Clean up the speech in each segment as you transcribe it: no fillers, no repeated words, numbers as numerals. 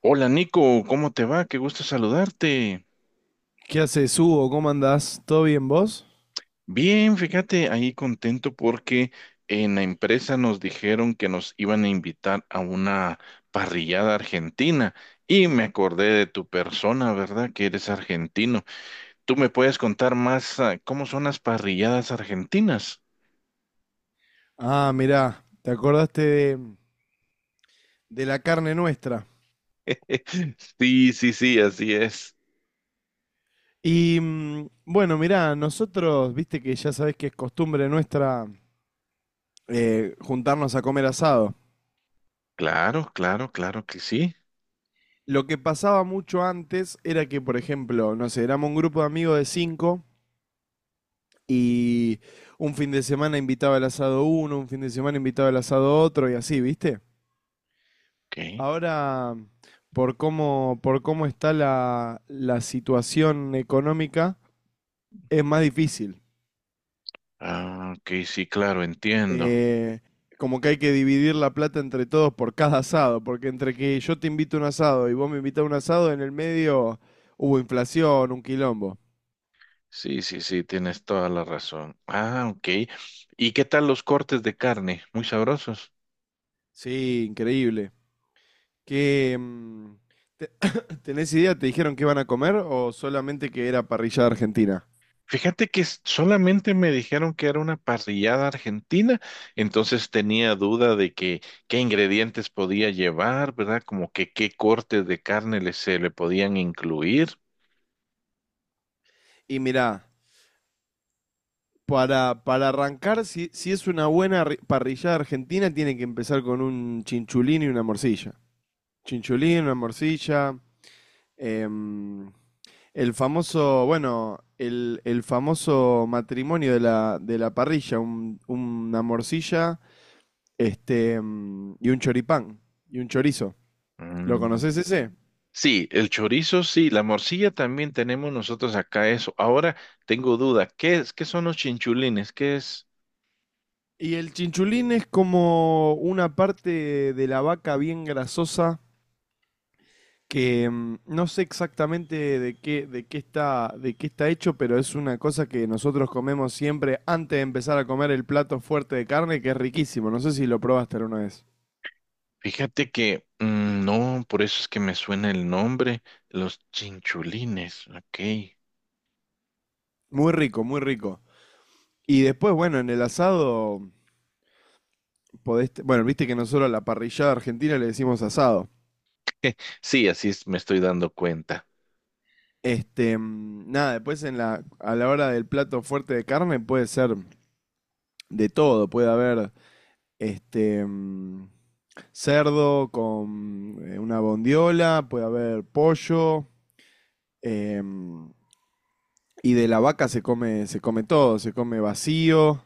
Hola Nico, ¿cómo te va? Qué gusto saludarte. ¿Qué haces, Hugo? ¿Cómo andás? ¿Todo bien vos? Bien, fíjate, ahí contento porque en la empresa nos dijeron que nos iban a invitar a una parrillada argentina y me acordé de tu persona, ¿verdad? Que eres argentino. ¿Tú me puedes contar más, cómo son las parrilladas argentinas? Ah, mirá, te acordaste de la carne nuestra. Sí, sí, sí, así es. Bueno, mirá, nosotros, viste que ya sabés que es costumbre nuestra juntarnos a comer asado. Claro, claro, claro que sí. Lo que pasaba mucho antes era que, por ejemplo, no sé, éramos un grupo de amigos de cinco y un fin de semana invitaba el asado uno, un fin de semana invitaba el asado otro y así, ¿viste? Ok. Ahora, por cómo está la situación económica, es más difícil. Ah, ok, sí, claro, entiendo. Eh, Como que hay que dividir la plata entre todos por cada asado, porque entre que yo te invito a un asado y vos me invitás a un asado, en el medio hubo inflación, un quilombo. Sí, sí, sí, tienes toda la razón. Ah, ok. ¿Y qué tal los cortes de carne? Muy sabrosos. Sí, increíble. ¿Qué, mm, te- ¿Tenés idea? ¿Te dijeron que van a comer o solamente que era parrillada argentina? Fíjate que solamente me dijeron que era una parrillada argentina, entonces tenía duda de que qué ingredientes podía llevar, ¿verdad? Como que qué cortes de carne se le podían incluir. Y mirá, para arrancar, si es una parrillada argentina, tiene que empezar con un chinchulín y una morcilla. Chinchulín, una morcilla. em, el famoso, bueno, el famoso matrimonio de de la parrilla, una morcilla y un choripán, y un chorizo. ¿Lo Mm. conoces ese? Sí, el chorizo, sí, la morcilla también tenemos nosotros acá eso. Ahora tengo duda, ¿qué son los chinchulines? ¿Qué es? Y el chinchulín es como una parte de la vaca bien grasosa que no sé exactamente de qué, de qué está hecho, pero es una cosa que nosotros comemos siempre antes de empezar a comer el plato fuerte de carne, que es riquísimo. No sé si lo probaste alguna vez. Fíjate que no, por eso es que me suena el nombre, los chinchulines, ok. Muy rico, muy rico. Y después, bueno, en el asado bueno, viste que nosotros a la parrillada argentina le decimos asado. Sí, así es, me estoy dando cuenta. Nada, después en a la hora del plato fuerte de carne puede ser de todo, puede haber este mm, cerdo con una bondiola, puede haber pollo, em, y de la vaca se come todo, se come vacío,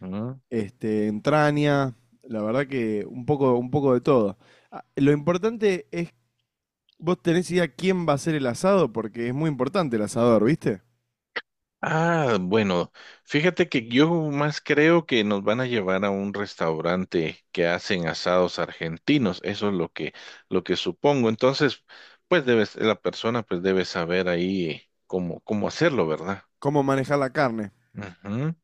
Ah. este, entraña, la verdad que un poco de todo. Ah, lo importante es, vos tenés idea quién va a hacer el asado, porque es muy importante el asador, ¿viste? Ah, bueno, fíjate que yo más creo que nos van a llevar a un restaurante que hacen asados argentinos, eso es lo que supongo. Entonces, pues debes, la persona pues debe saber ahí cómo hacerlo, ¿verdad? Cómo manejar la carne. Ujú.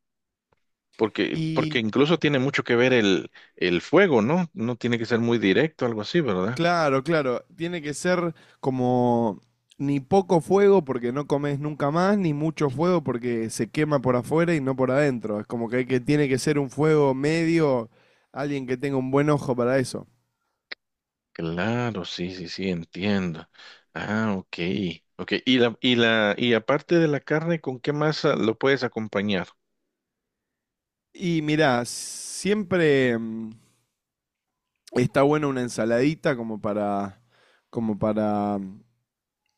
Porque Y incluso tiene mucho que ver el fuego, ¿no? No tiene que ser muy directo, algo así, ¿verdad? claro, claro. Tiene que ser como ni poco fuego porque no comes nunca más, ni mucho fuego porque se quema por afuera y no por adentro. Es como que, hay que tiene que ser un fuego medio, alguien que tenga un buen ojo para eso. Claro, sí, sí, sí, entiendo. Ah, ok, ok. Y aparte de la carne, ¿con qué más lo puedes acompañar? Y mirá, siempre está buena una ensaladita como para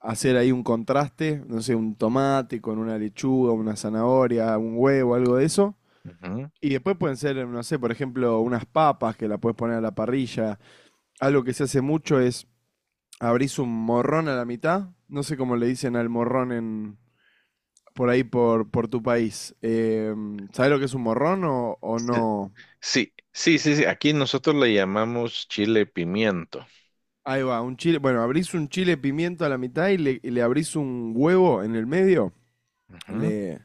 hacer ahí un contraste, no sé, un tomate con una lechuga, una zanahoria, un huevo, algo de eso. Ujú. Y después pueden ser, no sé, por ejemplo, unas papas que la puedes poner a la parrilla. Algo que se hace mucho es abrís un morrón a la mitad. No sé cómo le dicen al morrón en por tu país. ¿Sabés lo que es un morrón o no? Sí, sí, sí, sí. Aquí nosotros le llamamos chile pimiento. Ahí va, un chile. Bueno, abrís un chile pimiento a la mitad y le abrís un huevo en el medio. Ujú. Le,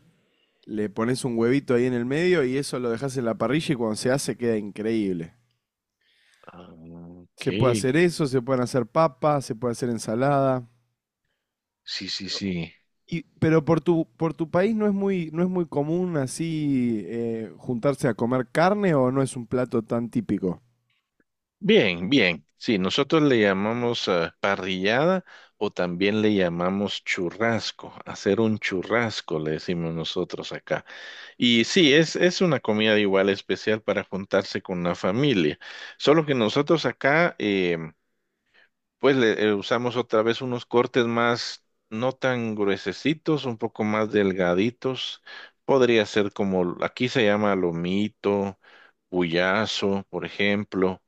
Le pones un huevito ahí en el medio y eso lo dejas en la parrilla y cuando se hace queda increíble. Ah. Ok, Se puede hacer eso, se pueden hacer papas, se puede hacer ensalada. sí, sí, sí. Y, pero por tu país no es muy común así juntarse a comer carne o no es un plato tan típico. Bien, bien. Sí, nosotros le llamamos parrillada o también le llamamos churrasco. Hacer un churrasco, le decimos nosotros acá. Y sí, es una comida igual especial para juntarse con la familia. Solo que nosotros acá, pues le usamos otra vez unos cortes más, no tan gruesecitos, un poco más delgaditos. Podría ser como, aquí se llama lomito, puyazo, por ejemplo.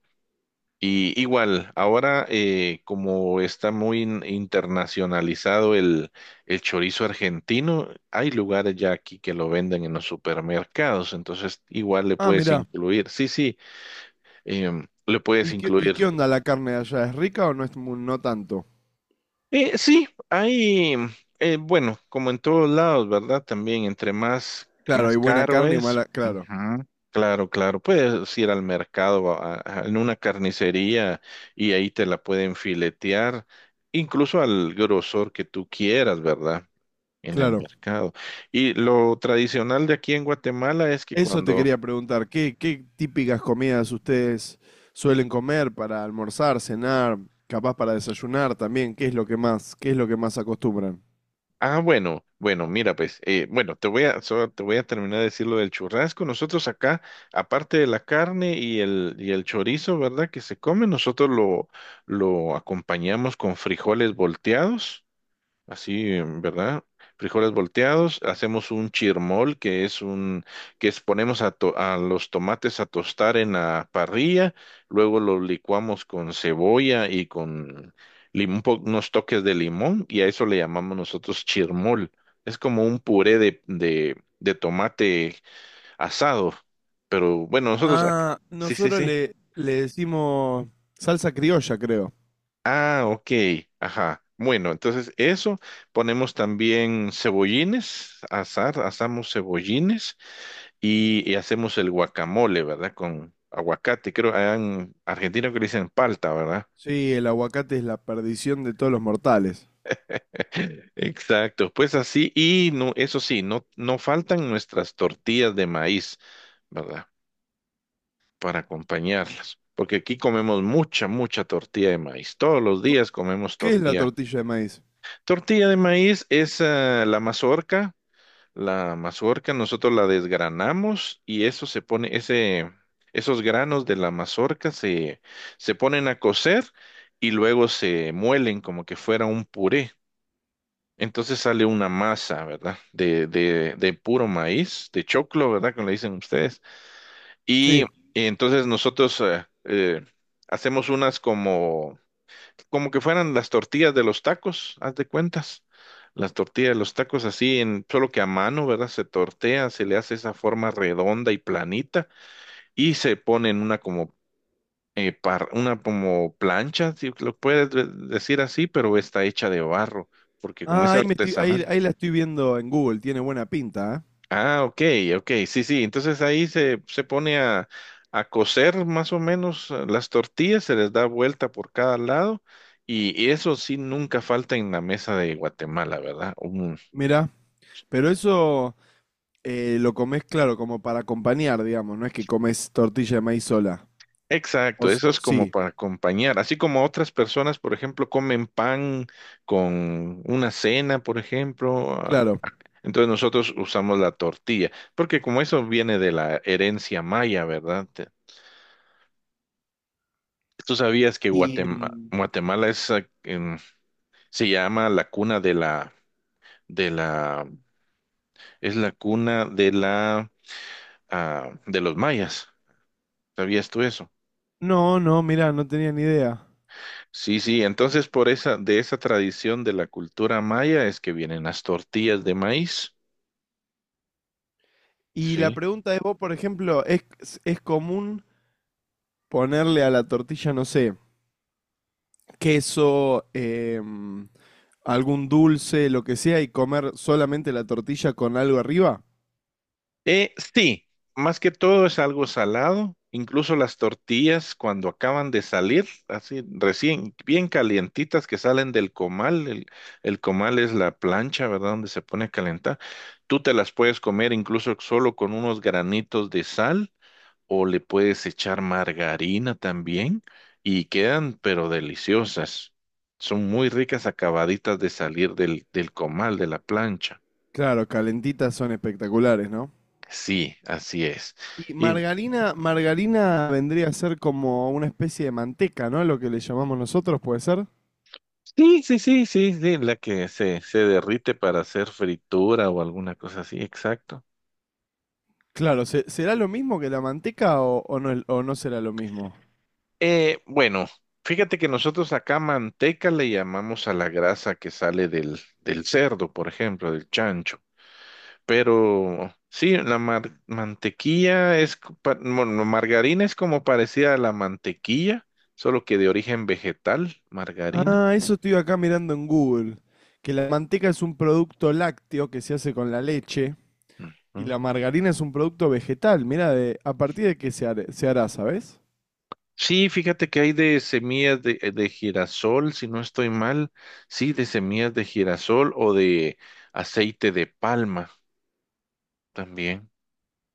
Y igual, ahora como está muy internacionalizado el chorizo argentino, hay lugares ya aquí que lo venden en los supermercados, entonces igual le Ah, puedes mirá. incluir, sí, sí, le puedes ¿Y incluir. qué onda la carne de allá? ¿Es rica o no tanto? Sí, hay, bueno, como en todos lados, ¿verdad? También entre Claro, más hay buena caro carne y es. mala. Claro, Claro, claro, puedes ir al mercado, en una carnicería y ahí te la pueden filetear, incluso al grosor que tú quieras, ¿verdad? En el claro. mercado. Y lo tradicional de aquí en Guatemala es que Eso te cuando, quería preguntar. ¿Qué, qué típicas comidas ustedes suelen comer para almorzar, cenar, capaz para desayunar también? ¿Qué es lo que más, qué es lo que más acostumbran? ah, bueno, bueno, mira, pues, bueno, solo te voy a terminar de decir lo del churrasco. Nosotros acá, aparte de la carne y y el chorizo, ¿verdad? Que se come, lo acompañamos con frijoles volteados. Así, ¿verdad? Frijoles volteados, hacemos un chirmol, que es, ponemos a, a los tomates a tostar en la parrilla, luego los licuamos con cebolla y con unos toques de limón, y a eso le llamamos nosotros chirmol. Es como un puré de tomate asado, pero bueno, nosotros, aquí- Ah, sí, sí, nosotros sí. Le decimos salsa criolla, creo. Ah, ok, ajá. Bueno, entonces eso, ponemos también cebollines, asamos cebollines y hacemos el guacamole, ¿verdad? Con aguacate, creo, allá en Argentina que le dicen palta, ¿verdad? Sí, el aguacate es la perdición de todos los mortales. Exacto, pues así, y no, eso sí, no faltan nuestras tortillas de maíz, ¿verdad? Para acompañarlas, porque aquí comemos mucha tortilla de maíz, todos los días comemos ¿Qué es la tortilla. tortilla de maíz? Tortilla de maíz es la mazorca. La mazorca nosotros la desgranamos y eso se pone, ese, esos granos de la mazorca se ponen a cocer y luego se muelen como que fuera un puré. Entonces sale una masa, ¿verdad? De puro maíz, de choclo, ¿verdad? Como le dicen ustedes. Sí. Y, y entonces nosotros hacemos unas como como que fueran las tortillas de los tacos, haz de cuentas. Las tortillas de los tacos así, en, solo que a mano, ¿verdad? Se tortea, se le hace esa forma redonda y planita y se pone en una como, una como plancha, si lo puedes decir así, pero está hecha de barro, porque como Ah, es artesanal. ahí la estoy viendo en Google, tiene buena pinta, ¿eh? Ah, ok, ok, sí, sí. Entonces ahí se pone a cocer más o menos las tortillas, se les da vuelta por cada lado y eso sí nunca falta en la mesa de Guatemala, ¿verdad? Un- Mirá. Pero eso lo comes, claro, como para acompañar, digamos, no es que comes tortilla de maíz sola. O, exacto, s- eso o es como sí, para acompañar, así como otras personas, por ejemplo, comen pan con una cena, por ejemplo. Ah. claro. Entonces nosotros usamos la tortilla, porque como eso viene de la herencia maya, ¿verdad? Te- ¿tú sabías que Y mm, Guatemala es Se llama la cuna de la, es la cuna de la, de los mayas. ¿Sabías tú eso? No, mirá, no tenía ni idea. Sí, sí, entonces por esa, de esa tradición de la cultura maya es que vienen las tortillas de maíz. Y la Sí. pregunta de vos, por ejemplo, es común ponerle a la tortilla, no sé, queso, algún dulce, lo que sea, y comer solamente la tortilla con algo arriba? Sí, más que todo es algo salado, incluso las tortillas cuando acaban de salir, así recién, bien calientitas que salen del comal, el comal es la plancha, ¿verdad? Donde se pone a calentar. Tú te las puedes comer incluso solo con unos granitos de sal o le puedes echar margarina también y quedan pero deliciosas. Son muy ricas acabaditas de salir del comal, de la plancha. Claro, calentitas son espectaculares, ¿no? Sí, así es. Y Y margarina, margarina vendría a ser como una especie de manteca, ¿no? Lo que le llamamos nosotros, ¿puede ser? sí, sí, sí, sí, sí, la que se derrite para hacer fritura o alguna cosa así, exacto. Claro, ¿será lo mismo que la manteca o no será lo mismo? Bueno, fíjate que nosotros acá manteca le llamamos a la grasa que sale del cerdo, por ejemplo, del chancho. Pero sí, la mantequilla es, bueno, margarina es como parecida a la mantequilla, solo que de origen vegetal, margarina. Ah, eso estoy acá mirando en Google, que la manteca es un producto lácteo que se hace con la leche. Y la Ujú. margarina es un producto vegetal. Mirá, de, ¿a partir de qué se hará, sabes? Sí, fíjate que hay de semillas de girasol, si no estoy mal, sí, de semillas de girasol o de aceite de palma también.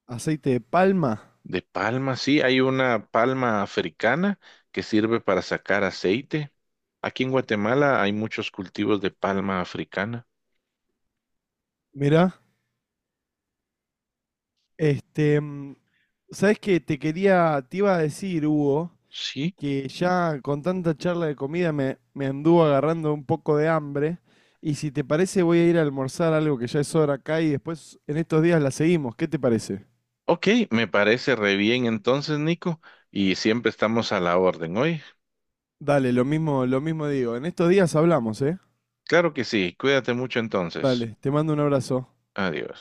Aceite de palma. De palma, sí, hay una palma africana que sirve para sacar aceite. Aquí en Guatemala hay muchos cultivos de palma africana. Mirá. Este, mm, ¿Sabes qué? Te quería, te iba a decir, Hugo, Sí, que ya con tanta charla de comida me anduvo agarrando un poco de hambre. Y si te parece, voy a ir a almorzar algo que ya es hora acá y después en estos días la seguimos. ¿Qué te parece? ok, me parece re bien entonces, Nico, y siempre estamos a la orden hoy. Dale, lo mismo digo. En estos días hablamos, ¿eh? Claro que sí, cuídate mucho entonces. Dale, te mando un abrazo. Adiós.